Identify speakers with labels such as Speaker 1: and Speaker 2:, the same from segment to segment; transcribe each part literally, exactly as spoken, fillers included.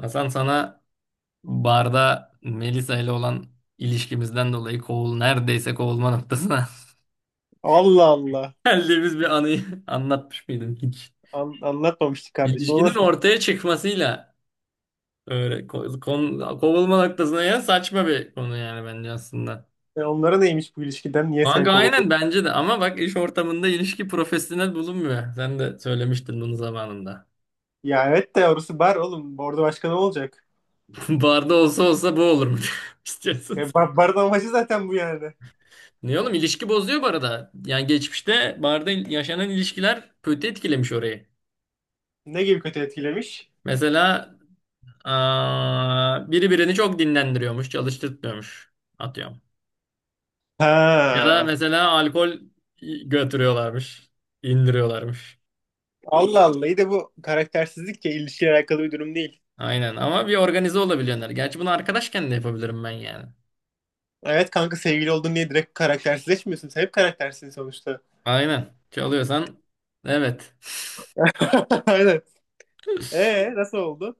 Speaker 1: Hasan, sana barda Melisa ile olan ilişkimizden dolayı kovul neredeyse kovulma noktasına
Speaker 2: Allah Allah.
Speaker 1: geldiğimiz bir anıyı anlatmış mıydım hiç?
Speaker 2: An- anlatmamıştık kardeşim. O
Speaker 1: İlişkinin
Speaker 2: nasıl?
Speaker 1: ortaya çıkmasıyla öyle ko- kon- kovulma noktasına, ya saçma bir konu yani bence aslında.
Speaker 2: E, Onlara neymiş bu ilişkiden? Niye seni
Speaker 1: Kanka
Speaker 2: kovdu?
Speaker 1: aynen, bence de. Ama bak, iş ortamında ilişki profesyonel bulunmuyor. Sen de söylemiştin bunu zamanında.
Speaker 2: Ya evet de orası bar oğlum. Orada başka ne olacak?
Speaker 1: Barda olsa olsa bu olur mu? İstiyorsun.
Speaker 2: E, bar, barın amacı zaten bu yani.
Speaker 1: Ne oğlum, ilişki bozuyor bu arada. Yani geçmişte barda yaşanan ilişkiler kötü etkilemiş orayı.
Speaker 2: Ne gibi kötü etkilemiş?
Speaker 1: Mesela aa, biri birini çok dinlendiriyormuş, çalıştırtmıyormuş. Atıyorum. Ya da
Speaker 2: Ha.
Speaker 1: mesela alkol götürüyorlarmış, indiriyorlarmış.
Speaker 2: Allah Allah. İyi de bu karaktersizlikle ya ilişkiyle alakalı bir durum değil.
Speaker 1: Aynen, ama bir organize olabiliyorlar. Gerçi bunu arkadaşken de yapabilirim ben yani.
Speaker 2: Evet kanka, sevgili oldun diye direkt karaktersizleşmiyorsun. Sen hep karaktersin sonuçta.
Speaker 1: Aynen. Çalıyorsan evet.
Speaker 2: Aynen. Ee nasıl oldu?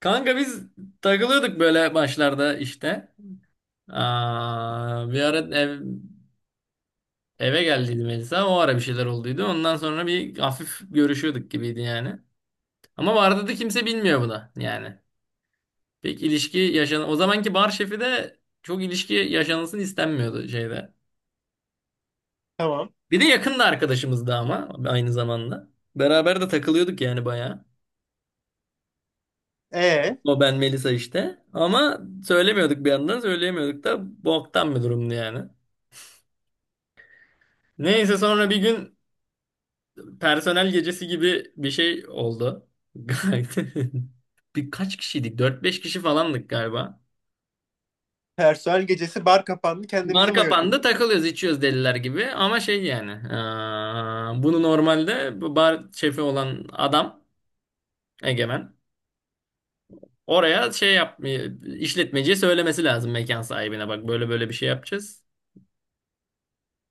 Speaker 1: Kanka, biz takılıyorduk böyle başlarda işte. Aa, bir ara ev Eve geldiydim Melisa, o ara bir şeyler olduydu. Ondan sonra bir hafif görüşüyorduk gibiydi yani. Ama vardı da kimse bilmiyor bu da yani. Pek ilişki yaşan O zamanki bar şefi de çok ilişki yaşanılsın istenmiyordu şeyde.
Speaker 2: Tamam.
Speaker 1: Bir de yakın da arkadaşımızdı ama aynı zamanda. Beraber de takılıyorduk yani bayağı.
Speaker 2: E
Speaker 1: O, ben, Melisa işte. Ama söylemiyorduk, bir yandan söyleyemiyorduk da, boktan bir durumdu yani. Neyse sonra bir gün personel gecesi gibi bir şey oldu. Gayet- Birkaç kişiydik. Dört beş kişi falandık galiba.
Speaker 2: Personel gecesi bar kapandı, kendinize
Speaker 1: Bar
Speaker 2: mi ayırdınız?
Speaker 1: kapandı, takılıyoruz, içiyoruz deliler gibi ama şey yani eee, bunu normalde bu bar şefi olan adam, Egemen, oraya şey yap işletmeciye söylemesi lazım, mekan sahibine, bak böyle böyle bir şey yapacağız.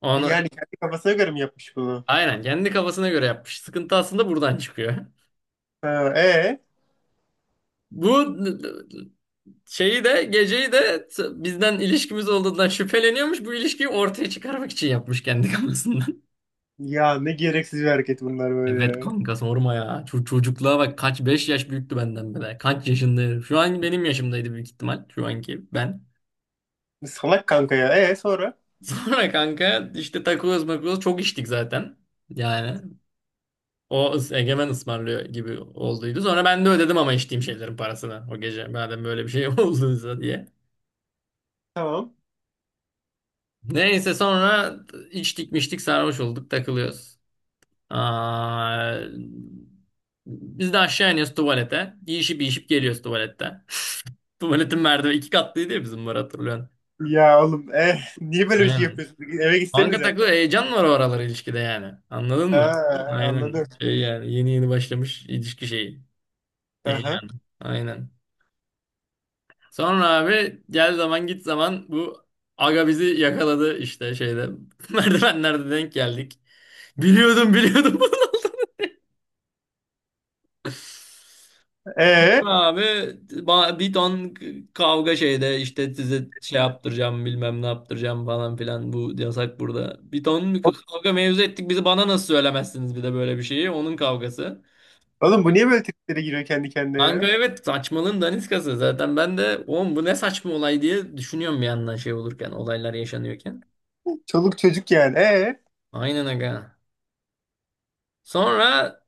Speaker 1: Onu,
Speaker 2: Yani kendi kafasına göre mi yapmış bunu?
Speaker 1: aynen kendi kafasına göre yapmış. Sıkıntı aslında buradan çıkıyor.
Speaker 2: Ha, e
Speaker 1: Bu şeyi de geceyi de t- bizden ilişkimiz olduğundan şüpheleniyormuş. Bu ilişkiyi ortaya çıkarmak için yapmış kendi kafasından.
Speaker 2: Ya ne gereksiz bir hareket bunlar
Speaker 1: Evet
Speaker 2: böyle ya.
Speaker 1: kanka, sorma ya. Ço- çocukluğa bak, kaç beş yaş büyüktü benden bile. Kaç yaşında herif. Şu an benim yaşımdaydı büyük ihtimal. Şu anki ben.
Speaker 2: Salak kanka ya. E sonra?
Speaker 1: Sonra kanka işte, takılıyoruz makılıyoruz. Çok içtik zaten. Yani o ıs- Egemen ısmarlıyor gibi olduydu. Sonra ben de ödedim ama içtiğim şeylerin parasını, o gece. Madem böyle bir şey olduysa diye.
Speaker 2: Tamam.
Speaker 1: Neyse sonra içtik miştik, sarhoş olduk, takılıyoruz. Aa, Biz de aşağı iniyoruz tuvalete. Yiyişip yiyişip geliyoruz tuvalette. Tuvaletin merdiveni iki katlıydı ya, bizim var, hatırlıyorsun.
Speaker 2: Ya oğlum e niye böyle bir şey
Speaker 1: Aynen.
Speaker 2: yapıyorsun? Eve
Speaker 1: Kanka
Speaker 2: gitsenize.
Speaker 1: takı heyecan var o aralar ilişkide yani. Anladın mı?
Speaker 2: Ha,
Speaker 1: Aynen.
Speaker 2: anladım.
Speaker 1: Şey yani, yeni yeni başlamış ilişki şeyi.
Speaker 2: Aha.
Speaker 1: Heyecanı. Aynen. Sonra abi, gel zaman git zaman, bu aga bizi yakaladı işte şeyde. Merdivenlerde denk geldik. Biliyordum, biliyordum.
Speaker 2: E
Speaker 1: Abi, ba- bir ton kavga şeyde işte, size şey yaptıracağım, bilmem ne yaptıracağım falan filan, bu yasak burada. Bir ton kavga mevzu ettik, bizi bana nasıl söylemezsiniz, bir de böyle bir şeyi, onun kavgası.
Speaker 2: Oğlum bu niye böyle triplere giriyor kendi kendine
Speaker 1: Kanka
Speaker 2: ya?
Speaker 1: evet, saçmalığın daniskası zaten. Ben de oğlum bu ne saçma olay diye düşünüyorum bir yandan, şey olurken, olaylar yaşanıyorken.
Speaker 2: Çoluk çocuk yani. E
Speaker 1: Aynen aga. Sonra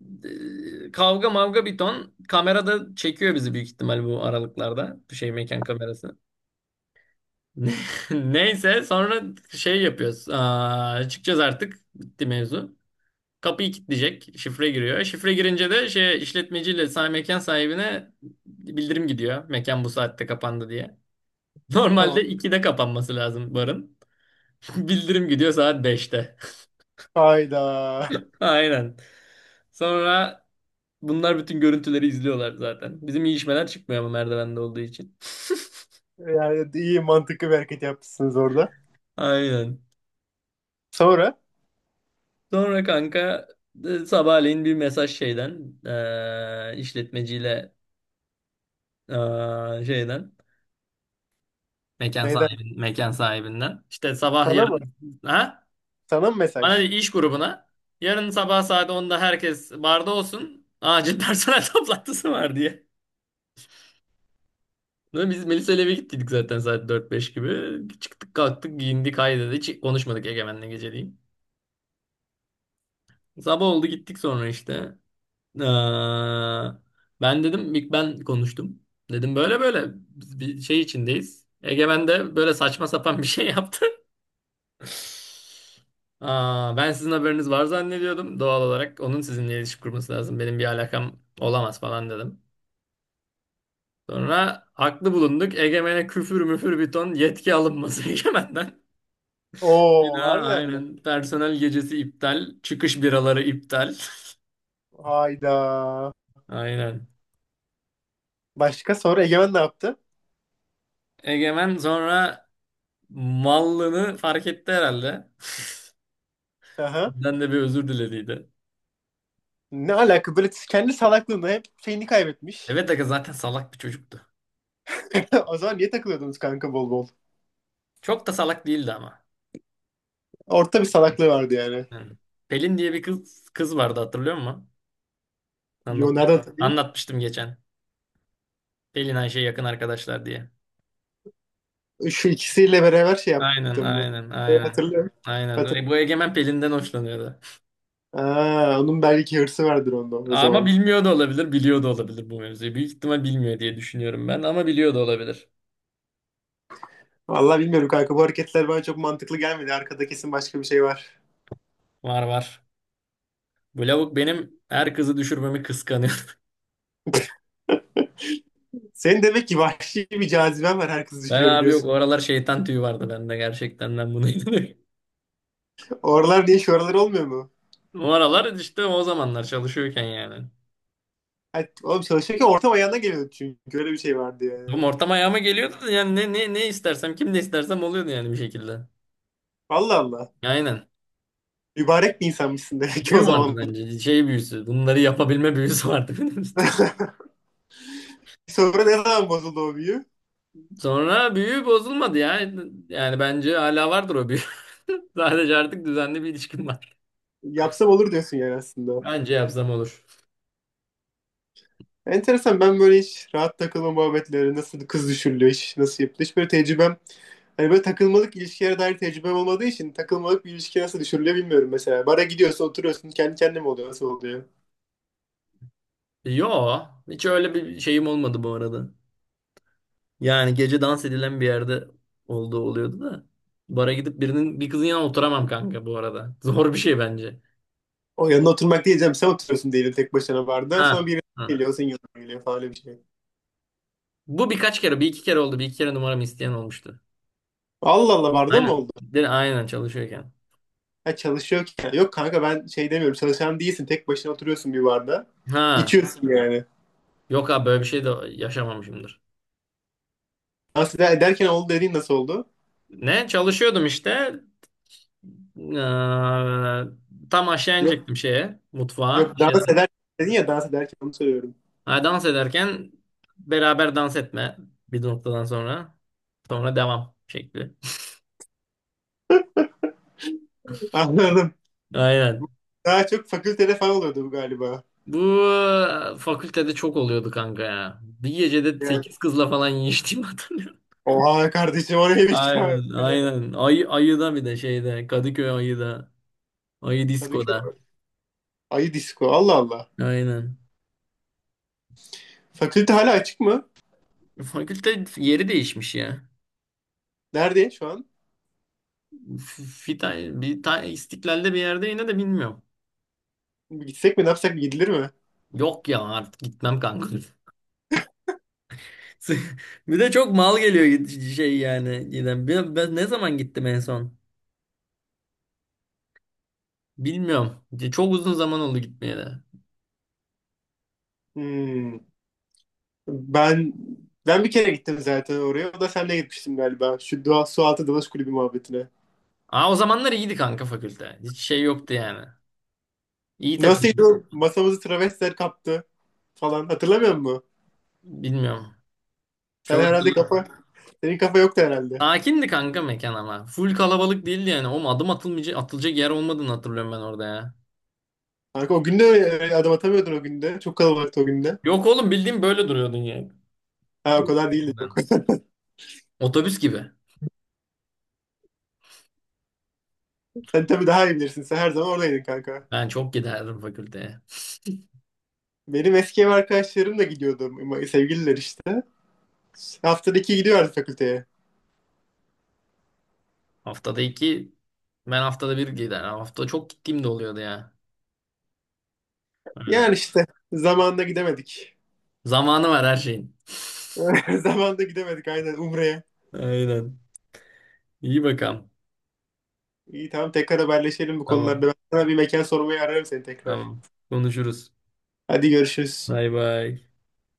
Speaker 1: e, kavga mavga bir ton, kamerada çekiyor bizi büyük ihtimal bu aralıklarda, bir şey mekan kamerası. Ne- Neyse sonra şey yapıyoruz. Aa, çıkacağız artık. Bitti mevzu. Kapıyı kilitleyecek. Şifre giriyor. Şifre girince de, şey, işletmeciyle sahibi, mekan sahibine, bildirim gidiyor. Mekan bu saatte kapandı diye.
Speaker 2: Tamam.
Speaker 1: Normalde ikide kapanması lazım barın. Bildirim gidiyor saat beşte.
Speaker 2: Hayda.
Speaker 1: Aynen. Sonra bunlar bütün görüntüleri izliyorlar zaten. Bizim iyi işmeler çıkmıyor ama merdivende olduğu için.
Speaker 2: Yani iyi, mantıklı bir hareket yapmışsınız orada.
Speaker 1: Aynen.
Speaker 2: Sonra?
Speaker 1: Sonra kanka, e, sabahleyin bir mesaj şeyden, e, işletmeciyle, e, şeyden, mekan
Speaker 2: Neyden?
Speaker 1: sahibi, mekan sahibinden işte sabah
Speaker 2: Sana mı?
Speaker 1: yarın, ha,
Speaker 2: Sana mı
Speaker 1: bana, de,
Speaker 2: mesaj?
Speaker 1: iş grubuna yarın sabah saat onda herkes barda olsun, acil personel toplantısı var diye. Ve biz Melisa ile eve gittiydik zaten saat dört beş gibi. Çıktık, kalktık, giyindik, haydi, hiç konuşmadık Egemen'le geceliğin. Sabah oldu gittik sonra işte. Eee, Ben dedim, ilk ben konuştum. Dedim böyle böyle biz bir şey içindeyiz. Egemen de böyle saçma sapan bir şey yaptı. Aa, ben sizin haberiniz var zannediyordum. Doğal olarak onun sizinle ilişki kurması lazım. Benim bir alakam olamaz falan dedim. Sonra haklı bulunduk. Egemen'e küfür müfür bir ton, yetki alınması Egemen'den.
Speaker 2: Oo,
Speaker 1: Bir daha
Speaker 2: harbiden mi?
Speaker 1: aynen. Personel gecesi iptal. Çıkış biraları iptal.
Speaker 2: Hayda.
Speaker 1: Aynen.
Speaker 2: Başka sonra Egemen ne yaptı?
Speaker 1: Egemen sonra mallığını fark etti herhalde.
Speaker 2: Aha.
Speaker 1: Bizden de bir özür dilediydi.
Speaker 2: Ne alaka böyle, kendi salaklığında hep şeyini kaybetmiş.
Speaker 1: Evet aga, zaten salak bir çocuktu.
Speaker 2: O zaman niye takılıyordunuz kanka bol bol?
Speaker 1: Çok da salak değildi ama.
Speaker 2: Orta bir salaklığı vardı yani.
Speaker 1: Hı. Pelin diye bir kız kız vardı, hatırlıyor musun?
Speaker 2: Yo, nereden
Speaker 1: Anlatmıştım.
Speaker 2: takayım?
Speaker 1: Anlatmıştım geçen. Pelin, Ayşe yakın arkadaşlar diye.
Speaker 2: Şu ikisiyle beraber şey
Speaker 1: Aynen,
Speaker 2: yaptım mı?
Speaker 1: aynen,
Speaker 2: Evet,
Speaker 1: aynen.
Speaker 2: hatırlıyorum.
Speaker 1: Aynen. E,
Speaker 2: Hatırlıyorum.
Speaker 1: Bu Egemen Pelin'den hoşlanıyordu.
Speaker 2: Aa, onun belki hırsı vardır onda o
Speaker 1: Ama
Speaker 2: zaman.
Speaker 1: bilmiyor da olabilir, biliyor da olabilir bu mevzuyu. Büyük ihtimal bilmiyor diye düşünüyorum ben, ama biliyor da olabilir.
Speaker 2: Vallahi bilmiyorum kanka, bu hareketler bana çok mantıklı gelmedi. Arkada kesin başka bir şey var.
Speaker 1: Var var. Bu lavuk benim her kızı düşürmemi kıskanıyor.
Speaker 2: Senin demek ki vahşi bir caziben var, her kızı
Speaker 1: Ben abi, yok, o
Speaker 2: düşürebiliyorsun.
Speaker 1: aralar şeytan tüyü vardı bende, gerçekten ben buna inanıyorum.
Speaker 2: Oralar diye şu oralar olmuyor mu?
Speaker 1: O aralar işte, o zamanlar çalışıyorken yani.
Speaker 2: Hayır oğlum, çalışırken ortam ayağına geliyordu çünkü öyle bir şey vardı yani.
Speaker 1: Bu ortam ayağıma geliyordu da yani, ne, ne, ne istersem, kim ne istersem oluyordu yani bir şekilde.
Speaker 2: Allah Allah.
Speaker 1: Aynen.
Speaker 2: Mübarek bir insanmışsın demek ki o
Speaker 1: Büyü vardı
Speaker 2: zaman.
Speaker 1: bence, şey büyüsü, bunları yapabilme büyüsü vardı benim işte.
Speaker 2: Sonra ne zaman bozuldu o büyü?
Speaker 1: Sonra büyü bozulmadı ya. Yani bence hala vardır o büyü. Sadece artık düzenli bir ilişkim var.
Speaker 2: Yapsam olur diyorsun yani aslında.
Speaker 1: Bence yapsam olur.
Speaker 2: Enteresan, ben böyle hiç rahat takılma muhabbetleri, nasıl kız düşürülüyor, iş nasıl yapılıyor, hiç böyle tecrübem, hani böyle takılmalık ilişkilere dair tecrübem olmadığı için takılmalık bir ilişki nasıl düşürülüyor bilmiyorum mesela. Bara gidiyorsun, oturuyorsun, kendi kendine mi oluyor, nasıl oluyor?
Speaker 1: Yo, hiç öyle bir şeyim olmadı bu arada. Yani gece dans edilen bir yerde olduğu oluyordu da. Bara gidip birinin, bir kızın yanına oturamam kanka bu arada. Zor bir şey bence.
Speaker 2: O yanına oturmak diyeceğim, sen oturuyorsun değil, tek başına barda
Speaker 1: Ha.
Speaker 2: sonra biri
Speaker 1: Ha.
Speaker 2: geliyor, senin yanına geliyor falan bir şey.
Speaker 1: Bu birkaç kere, bir iki kere oldu. Bir iki kere numaramı isteyen olmuştu.
Speaker 2: Allah Allah, barda mı
Speaker 1: Aynen.
Speaker 2: oldu?
Speaker 1: De, aynen çalışıyorken.
Speaker 2: Ha, çalışıyor ki. Yok kanka, ben şey demiyorum. Çalışan değilsin. Tek başına oturuyorsun bir barda.
Speaker 1: Ha.
Speaker 2: İçiyorsun yani.
Speaker 1: Yok abi, böyle bir şey de yaşamamışımdır.
Speaker 2: Dans eder- ederken oldu dediğin nasıl oldu?
Speaker 1: Ne? Çalışıyordum işte. Ee, Tam aşağı
Speaker 2: Yok.
Speaker 1: inecektim şeye, mutfağa.
Speaker 2: Yok,
Speaker 1: Bir
Speaker 2: dans
Speaker 1: şeyler-
Speaker 2: ederken dedin ya, dans ederken onu söylüyorum.
Speaker 1: Ha, dans ederken, beraber dans etme bir noktadan sonra. Sonra devam şekli.
Speaker 2: Anladım.
Speaker 1: Aynen.
Speaker 2: Daha çok fakültede falan oluyordu bu galiba.
Speaker 1: Bu fakültede çok oluyordu kanka ya. Bir gecede
Speaker 2: Yani.
Speaker 1: sekiz kızla falan yiyiştiğimi hatırlıyorum.
Speaker 2: Oha kardeşim, o neymiş ya
Speaker 1: Aynen,
Speaker 2: böyle.
Speaker 1: aynen. Ayı, ayıda bir de şeyde. Kadıköy ayıda. Ayı
Speaker 2: Kadıköy.
Speaker 1: diskoda.
Speaker 2: Ayı disco. Allah Allah.
Speaker 1: Aynen.
Speaker 2: Fakülte hala açık mı?
Speaker 1: Fakülte yeri değişmiş ya.
Speaker 2: Nerede şu an?
Speaker 1: F- Fita, bir ta, İstiklal'de bir yerde, yine de bilmiyorum.
Speaker 2: Gitsek mi, ne yapsak, gidilir mi?
Speaker 1: Yok ya, artık gitmem kanka. Bir de çok mal geliyor, git- şey yani. Giden. Ben, ben ne zaman gittim en son? Bilmiyorum. Çok uzun zaman oldu gitmeye de.
Speaker 2: Hmm. Ben ben bir kere gittim zaten oraya. O da senle gitmiştim galiba. Şu doğa, su altı dalış kulübü muhabbetine.
Speaker 1: Aa, o zamanlar iyiydi kanka fakülte. Hiç şey yoktu yani. İyi
Speaker 2: Nasıl o
Speaker 1: takılıyorduk.
Speaker 2: masamızı travestiler kaptı falan hatırlamıyor musun?
Speaker 1: Bilmiyorum.
Speaker 2: Sen
Speaker 1: Çok
Speaker 2: herhalde kafa,
Speaker 1: hatırlıyorum.
Speaker 2: senin kafa yoktu herhalde.
Speaker 1: Sakindi kanka mekan ama. Full kalabalık değildi yani. Oğlum adım atılmayacak, atılacak yer olmadığını hatırlıyorum ben orada ya.
Speaker 2: Kanka o günde e, adım atamıyordun o günde. Çok kalabalıktı o günde.
Speaker 1: Yok oğlum, bildiğim böyle duruyordun yani.
Speaker 2: Ha, o kadar değildi, yok.
Speaker 1: Otobüs gibi.
Speaker 2: Sen tabii daha iyi bilirsin. Sen her zaman oradaydın kanka.
Speaker 1: Ben çok giderdim fakülteye.
Speaker 2: Benim eski ev arkadaşlarım da gidiyordu. Sevgililer işte. Haftada iki gidiyorlardı fakülteye.
Speaker 1: Haftada iki, ben haftada bir gider. Hafta çok gittiğim de oluyordu ya. Öyle.
Speaker 2: Yani işte zamanında gidemedik.
Speaker 1: Zamanı var her şeyin.
Speaker 2: Zamanında gidemedik aynen Umre'ye.
Speaker 1: Aynen. İyi bakalım.
Speaker 2: İyi, tamam, tekrar haberleşelim bu
Speaker 1: Tamam.
Speaker 2: konularda. Ben sana bir mekan sormaya ararım seni tekrar.
Speaker 1: Tamam. Konuşuruz.
Speaker 2: Hadi görüşürüz.
Speaker 1: Bay bay.